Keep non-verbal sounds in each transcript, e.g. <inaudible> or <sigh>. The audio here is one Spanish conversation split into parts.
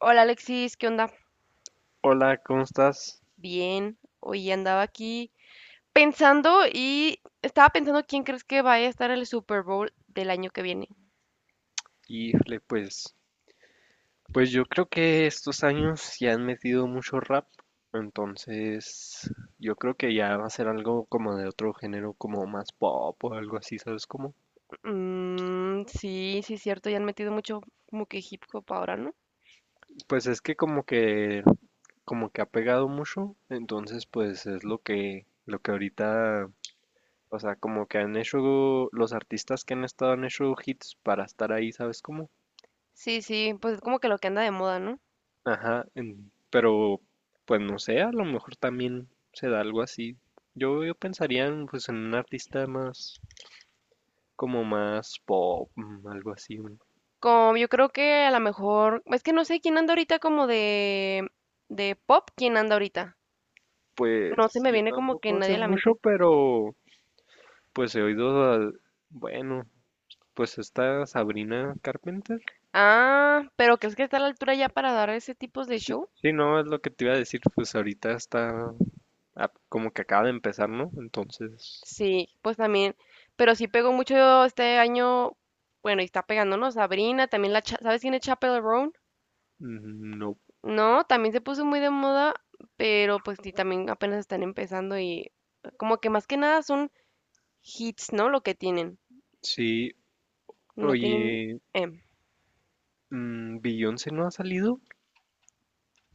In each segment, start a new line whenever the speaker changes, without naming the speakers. Hola Alexis, ¿qué onda?
Hola, ¿cómo estás?
Bien, hoy andaba aquí pensando y estaba pensando quién crees que vaya a estar en el Super Bowl del año que viene.
Híjole, pues yo creo que estos años ya han metido mucho rap, entonces yo creo que ya va a ser algo como de otro género, como más pop o algo así, ¿sabes cómo?
Mm, sí, sí, cierto, ya han metido mucho como que hip hop ahora, ¿no?
Pues es que como que ha pegado mucho, entonces pues es lo que, ahorita, o sea, como que han hecho los artistas que han hecho hits para estar ahí, ¿sabes cómo?
Sí, sí, pues es como que lo que anda de moda, ¿no?
Ajá, pero pues no sé, a lo mejor también se da algo así. Yo pensaría en un artista más, como más pop, algo así, ¿no?
Como yo creo que a lo mejor, es que no sé quién anda ahorita como de pop, quién anda ahorita. No se
Pues
me
yo
viene como que
tampoco sé
nadie a la
mucho,
mente.
pero pues he oído, bueno, pues esta Sabrina Carpenter.
Ah, pero ¿crees que está a la altura ya para dar ese tipo de
Sí,
shows?
sí, no, es lo que te iba a decir, pues ahorita está como que acaba de empezar, ¿no? Entonces,
Sí, pues también, pero sí pegó mucho este año, bueno, y está pegándonos Sabrina, también la, Cha- ¿sabes quién es Chappell Roan?
mm, no.
No, también se puso muy de moda, pero pues sí, también apenas están empezando y como que más que nada son hits, ¿no? Lo que tienen,
Sí,
no tienen...
oye,
em.
Beyoncé no ha salido.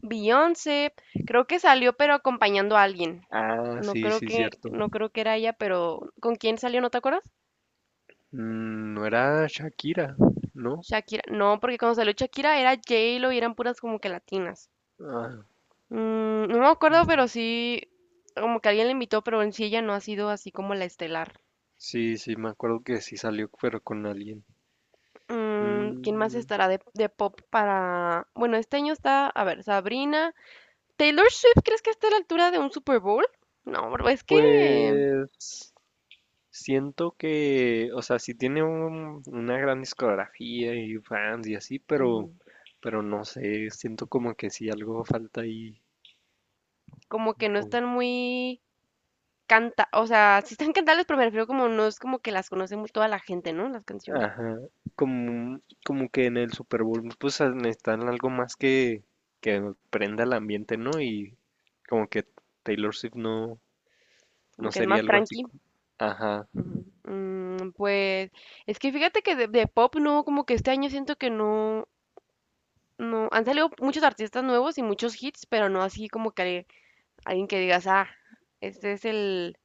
Beyoncé, creo que salió pero acompañando a alguien.
Ah,
No
sí,
creo
sí,
que,
cierto.
no creo que era ella, pero ¿con quién salió? ¿No te acuerdas?
Mm, no era Shakira, ¿no?
Shakira. No, porque cuando salió Shakira era J-Lo y eran puras como que latinas.
Ah,
Mm, no me acuerdo,
mm,
pero sí, como que alguien la invitó, pero en sí ella no ha sido así como la estelar.
sí, sí, me acuerdo que sí salió, pero con alguien.
Mm, ¿quién más
Mm,
estará de pop para...? Bueno, este año está, a ver, Sabrina. ¿Taylor Swift crees que está a la altura de un Super Bowl? No, bro, es que...
pues siento que, o sea, sí tiene una gran discografía y fans y así, pero,
ujú.
pero no sé, siento como que sí algo falta ahí,
Como que no
como
están muy... Canta, o sea, sí están cantables, pero me refiero como no es como que las conoce mu- toda la gente, ¿no? Las canciones.
Ajá, como, como que en el Super Bowl pues necesitan algo más que prenda el ambiente, ¿no? Y como que Taylor Swift no, no
Como que es
sería
más
algo así.
tranqui.
Ajá,
Ujú. Mm, pues es que fíjate que de pop no, como que este año siento que no. No, han salido muchos artistas nuevos y muchos hits, pero no así como que alguien que digas, ah, este es el,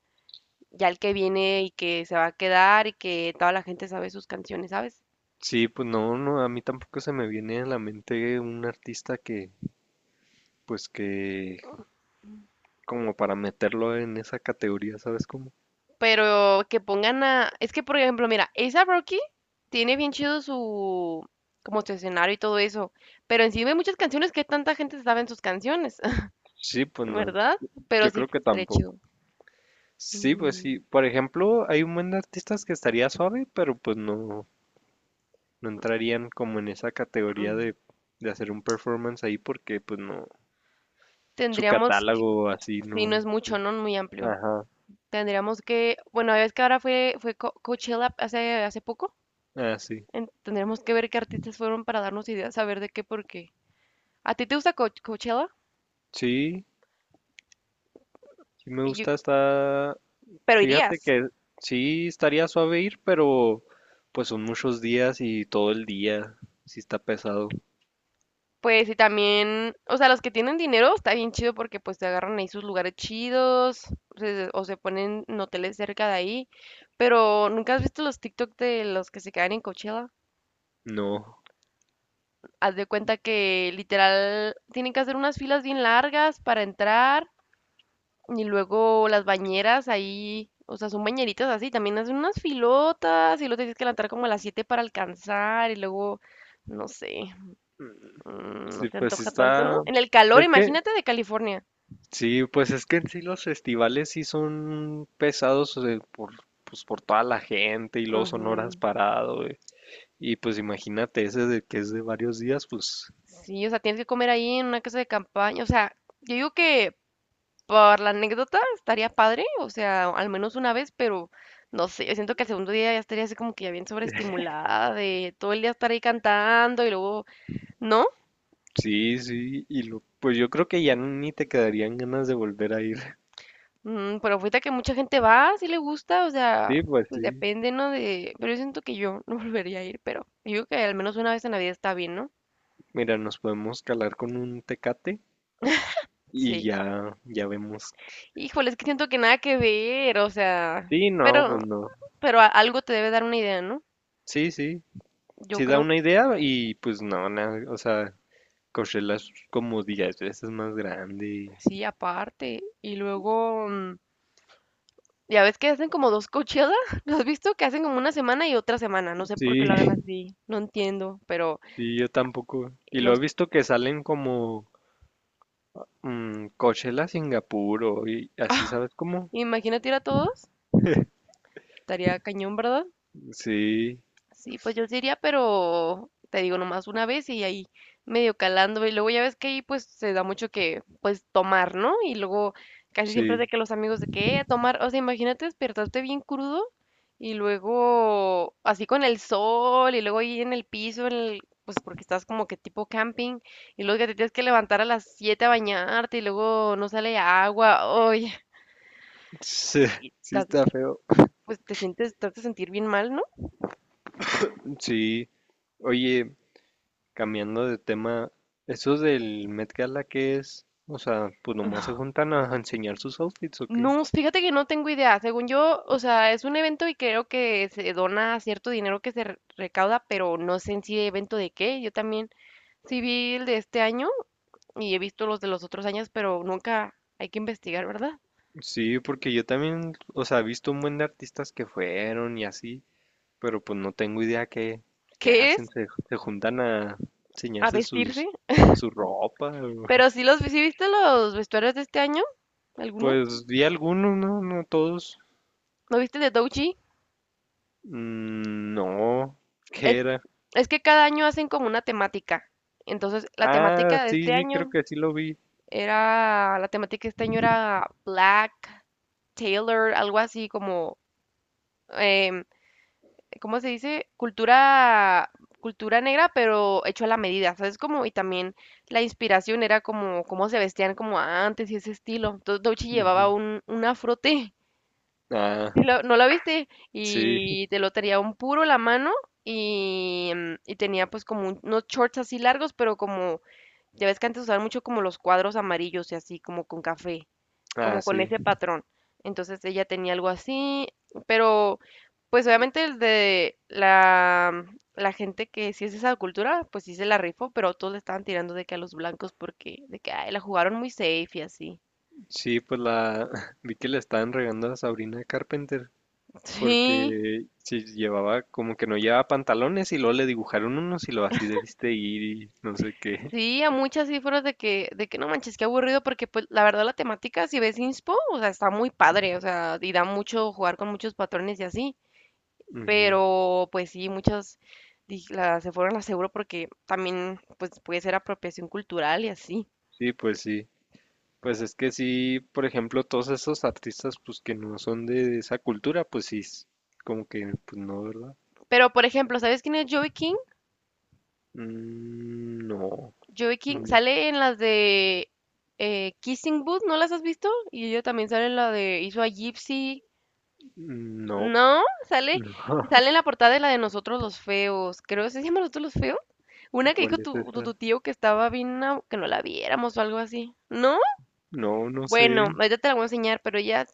ya el que viene y que se va a quedar y que toda la gente sabe sus canciones, ¿sabes?
sí, pues no, no, a mí tampoco se me viene a la mente un artista que, como para meterlo en esa categoría, ¿sabes cómo?
Pero que pongan a, es que por ejemplo, mira, A$AP Rocky tiene bien chido su, como su escenario y todo eso, pero encima hay muchas canciones que tanta gente se sabe en sus canciones, <laughs>
Sí, pues no,
¿verdad? Pero
yo
sí,
creo que
estaría
tampoco.
chido.
Sí, pues
Ujú,
sí, por ejemplo, hay un buen de artistas que estaría suave, pero pues no, no entrarían como en esa categoría
ujú.
de, hacer un performance ahí porque pues no, su
Tendríamos que,
catálogo así
si no
no.
es mucho, ¿no? Muy amplio.
Ajá,
Tendríamos que, bueno, ves que ahora fue, fue Co- Coachella hace, hace poco.
así.
Tendríamos que ver qué artistas fueron para darnos ideas, a ver de qué, por qué. ¿A ti te gusta Co- Coachella?
Sí, sí me
Y yo-
gusta,
pero
fíjate
irías.
que sí estaría suave ir, pero pues son muchos días y todo el día, sí está pesado.
Pues y también, o sea, los que tienen dinero está bien chido porque pues te agarran ahí sus lugares chidos se- o se ponen en hoteles cerca de ahí. Pero ¿nunca has visto los TikTok de los que se quedan en Coachella?
No,
Haz de cuenta que literal tienen que hacer unas filas bien largas para entrar. Y luego las bañeras ahí, o sea, son bañeritas así, también hacen unas filotas y luego tienes que levantar como a las 7 para alcanzar y luego, no sé, mm, no
sí,
se
pues sí
antoja tanto, ¿no? En el calor,
es que,
imagínate de California.
sí, pues es que en sí los festivales sí son pesados, o sea, por, pues por toda la gente y luego son horas
Ujú.
parado. Y pues imagínate, ese de que es de varios días, pues
Sí, o sea, tienes que comer ahí en una casa de campaña, o sea, yo digo que por la anécdota estaría padre, o sea, al menos una vez, pero no sé, yo siento que el segundo día ya estaría así como que ya bien sobreestimulada de todo el día estar ahí cantando y luego, ¿no?
sí, sí, pues yo creo que ya ni te quedarían ganas de volver a ir. <laughs>
Mm, pero ahorita que mucha gente va, si le gusta, o sea,
Sí, pues
pues
sí.
depende, ¿no? De, pero yo siento que yo no <laughs> volvería a ir, pero yo digo que al menos una vez en la vida está bien, ¿no?
Mira, nos podemos calar con un tecate y
Sí.
ya, ya vemos.
Híjole, es que siento que nada que ver, o sea,
Sí, no, pues
pero,
no.
pero algo te debe dar una idea, ¿no?
Sí, sí,
Yo
sí da
creo,
una idea y pues no, nada, o sea, Coachella es como 10 veces más grande.
sí, aparte. Y luego, mm, ya ves que hacen como dos Coachella, <laughs> ¿lo has visto? Que hacen como una semana y otra semana, no sé por qué
Sí,
lo hagan
<laughs>
así, no entiendo, pero
sí, yo tampoco.
eh,
Y lo
los,
he visto que salen como Coachella Singapur o y así, ¿sabes cómo?
imagínate ir a todos, estaría cañón, ¿verdad?
Sí.
Sí, pues yo sí iría, pero te digo nomás una vez y ahí medio calando. Y luego ya ves que ahí pues se da mucho que pues tomar, ¿no? Y luego casi siempre es
Sí,
de que los amigos de que a tomar, o sea, imagínate despertarte bien crudo y luego así con el sol y luego ahí en el piso, pues porque estás como que tipo camping y luego que te tienes que levantar a las 7 a bañarte y luego no sale agua. Oye,
sí,
y
<laughs> sí
estás-
está feo.
pues te sientes, te hace sentir bien mal, ¿no?
Sí. Oye, cambiando de tema, ¿eso del Met Gala qué es? O sea, pues nomás se
<laughs>
juntan a enseñar sus outfits, ¿o qué?
No, fíjate que no tengo idea. Según yo, o sea, es un evento y creo que se dona cierto dinero que se recauda, pero no sé en sí evento de qué. Yo también sí vi el de este año y he visto los de los otros años, pero nunca hay que investigar, ¿verdad?
Sí, porque yo también, o sea, he visto un buen de artistas que fueron y así, pero pues no tengo idea qué,
¿Qué es?
hacen, se juntan a
A
enseñarse
vestirse.
su ropa.
Pero
<laughs>
sí los, sí viste los vestuarios de este año, algunos.
Pues vi algunos, no, no todos.
¿No viste el de Douchi?
Mm, no, ¿qué
Es,
era?
es que cada año hacen como una temática. Entonces, la
Ah,
temática de
sí,
este
sí, creo
año
que sí lo vi.
era, la temática de este año era Black. Taylor, algo así como, em, ¿cómo se dice? Cultura, cultura negra, pero hecho a la medida, ¿sabes? Como, y también la inspiración era como cómo se vestían como antes y ese estilo. Entonces Doechii llevaba
Ujú.
un afrote.
Ah,
No la viste
sí,
y te lo tenía un puro la mano y, mm, y tenía pues como unos shorts así largos, pero como, ya ves que antes usaban mucho como los cuadros amarillos y así, como con café,
ah,
como con
sí.
ese patrón. Entonces ella tenía algo así, pero pues obviamente el de la, mm, la gente que sí es de esa cultura, pues sí se la rifó, pero todos le estaban tirando de que a los blancos porque de que ay, la jugaron muy safe y así.
Sí, pues la <laughs> vi que le estaban regando a Sabrina Carpenter
<laughs> Sí.
porque sí llevaba como que no llevaba pantalones y luego le dibujaron unos y lo así debiste ir y no sé qué.
Sí, a muchas sí fueron de que no manches, qué aburrido, porque pues la verdad la temática, si ves Inspo, o sea, está muy padre, o sea, y da mucho jugar con muchos patrones y así,
<laughs> Ujú.
pero pues sí, muchas se fueron a seguro porque también pues puede ser apropiación cultural y así.
Sí. Pues es que sí, por ejemplo, todos esos artistas pues que no son de esa cultura, pues sí, es como que pues no, ¿verdad?
Pero por ejemplo, ¿sabes quién es Joey King?
Mm, no,
Joey
no,
King sale en las de Kissing Booth, ¿no las has visto? Y ella también sale en la de hizo a Gypsy.
no,
No,
<laughs>
sale,
no.
sale en la portada de la de Nosotros los Feos. Creo, que ¿se llama Nosotros los Feos? Una que dijo
¿Cuál es
tu, tu,
esa?
tu tío que estaba bien, que no la viéramos o algo así. ¿No?
No, no sé.
Bueno, ahorita te la voy a enseñar, pero ella,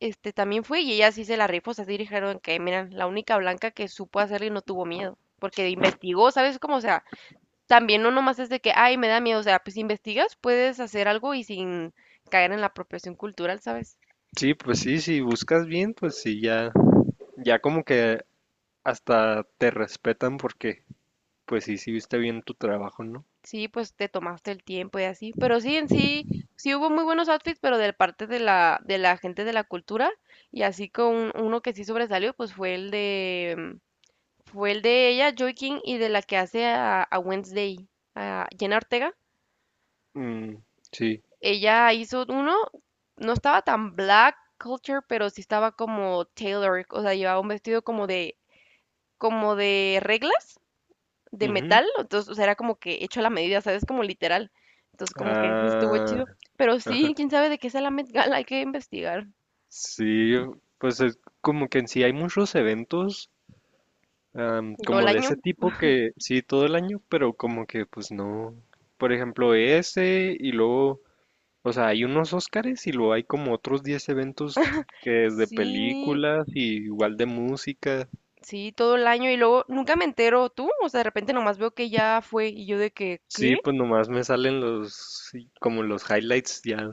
este, también fue y ella sí se la rifó, o sea, sí dijeron que, mira, la única blanca que supo hacerlo y no tuvo miedo. Porque investigó, ¿sabes cómo? O sea, también no nomás es de que, ay, me da miedo. O sea, pues si investigas, puedes hacer algo y sin caer en la apropiación cultural, ¿sabes?
Sí, pues sí, si buscas bien, pues sí, ya, ya como que hasta te respetan porque, pues sí, sí viste bien tu trabajo, ¿no?
Sí, pues te tomaste el tiempo y así, pero sí, en sí, sí hubo muy buenos outfits, pero de parte de la gente de la cultura, y así con uno que sí sobresalió, pues fue el de, mm, fue el de ella, Joy King, y de la que hace a Wednesday, a Jenna Ortega.
Mm, sí.
Ella hizo uno, no estaba tan black culture, pero sí estaba como Taylor, o sea, llevaba un vestido como de reglas, de
Ujú.
metal, entonces, o sea, era como que hecho a la medida, ¿sabes? Como literal. Entonces, como que sí estuvo
Ah,
chido. Pero sí, quién sabe de qué es la Met Gala, hay que investigar.
sí, pues es como que en sí hay muchos eventos
Todo el
como de
año.
ese tipo que sí todo el año, pero como que pues no. Por ejemplo, ese y luego, o sea, hay unos Óscares y luego hay como otros 10 eventos que de
Sí,
películas y igual de música.
sí, todo el año. Y luego nunca me entero tú. O sea, de repente nomás veo que ya fue y yo de que,
Sí,
¿qué?
pues nomás me salen sí, como los highlights ya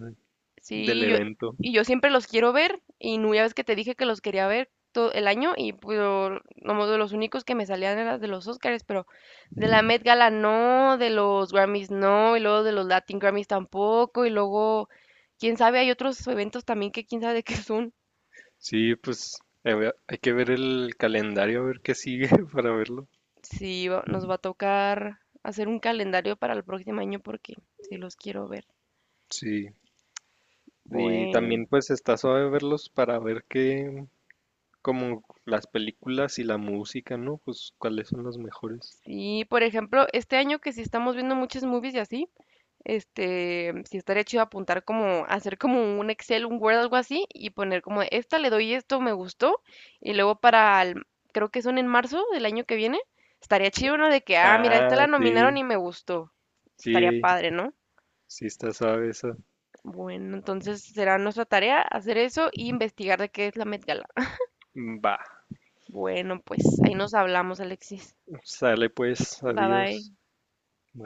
del
Sí, yo,
evento.
y yo siempre los quiero ver, y no, ya ves que te dije que los quería ver todo el año, y pues, nomás de los únicos que me salían eran de los Oscars, pero de la Met Gala no, de los Grammys no, y luego de los Latin Grammys tampoco, y luego, quién sabe, hay otros eventos también que quién sabe <laughs> de qué son.
Sí, pues a ver, hay que ver el calendario, a ver qué sigue <laughs> para verlo.
Sí, nos va a tocar hacer un calendario para el próximo año porque sí los quiero ver.
Sí. Y
Bueno,
también pues está suave verlos para ver qué, como las películas y la música, ¿no? Pues cuáles son los mejores.
sí, por ejemplo, este año que sí estamos viendo muchas movies y así. Este, si estaría chido apuntar como, hacer como un Excel, un Word, algo así, y poner como, esta le doy esto, me gustó, y luego para, creo que son en marzo del año que viene, estaría chido uno de que, ah, mira, esta
Ah,
la nominaron
sí,
y me gustó. Estaría
sí,
padre, ¿no?
sí está suave esa.
Bueno, entonces será nuestra tarea hacer eso y investigar de qué es la Met Gala.
Va,
Bueno, pues ahí nos hablamos, Alexis.
sale pues,
Bye bye.
adiós. Bye.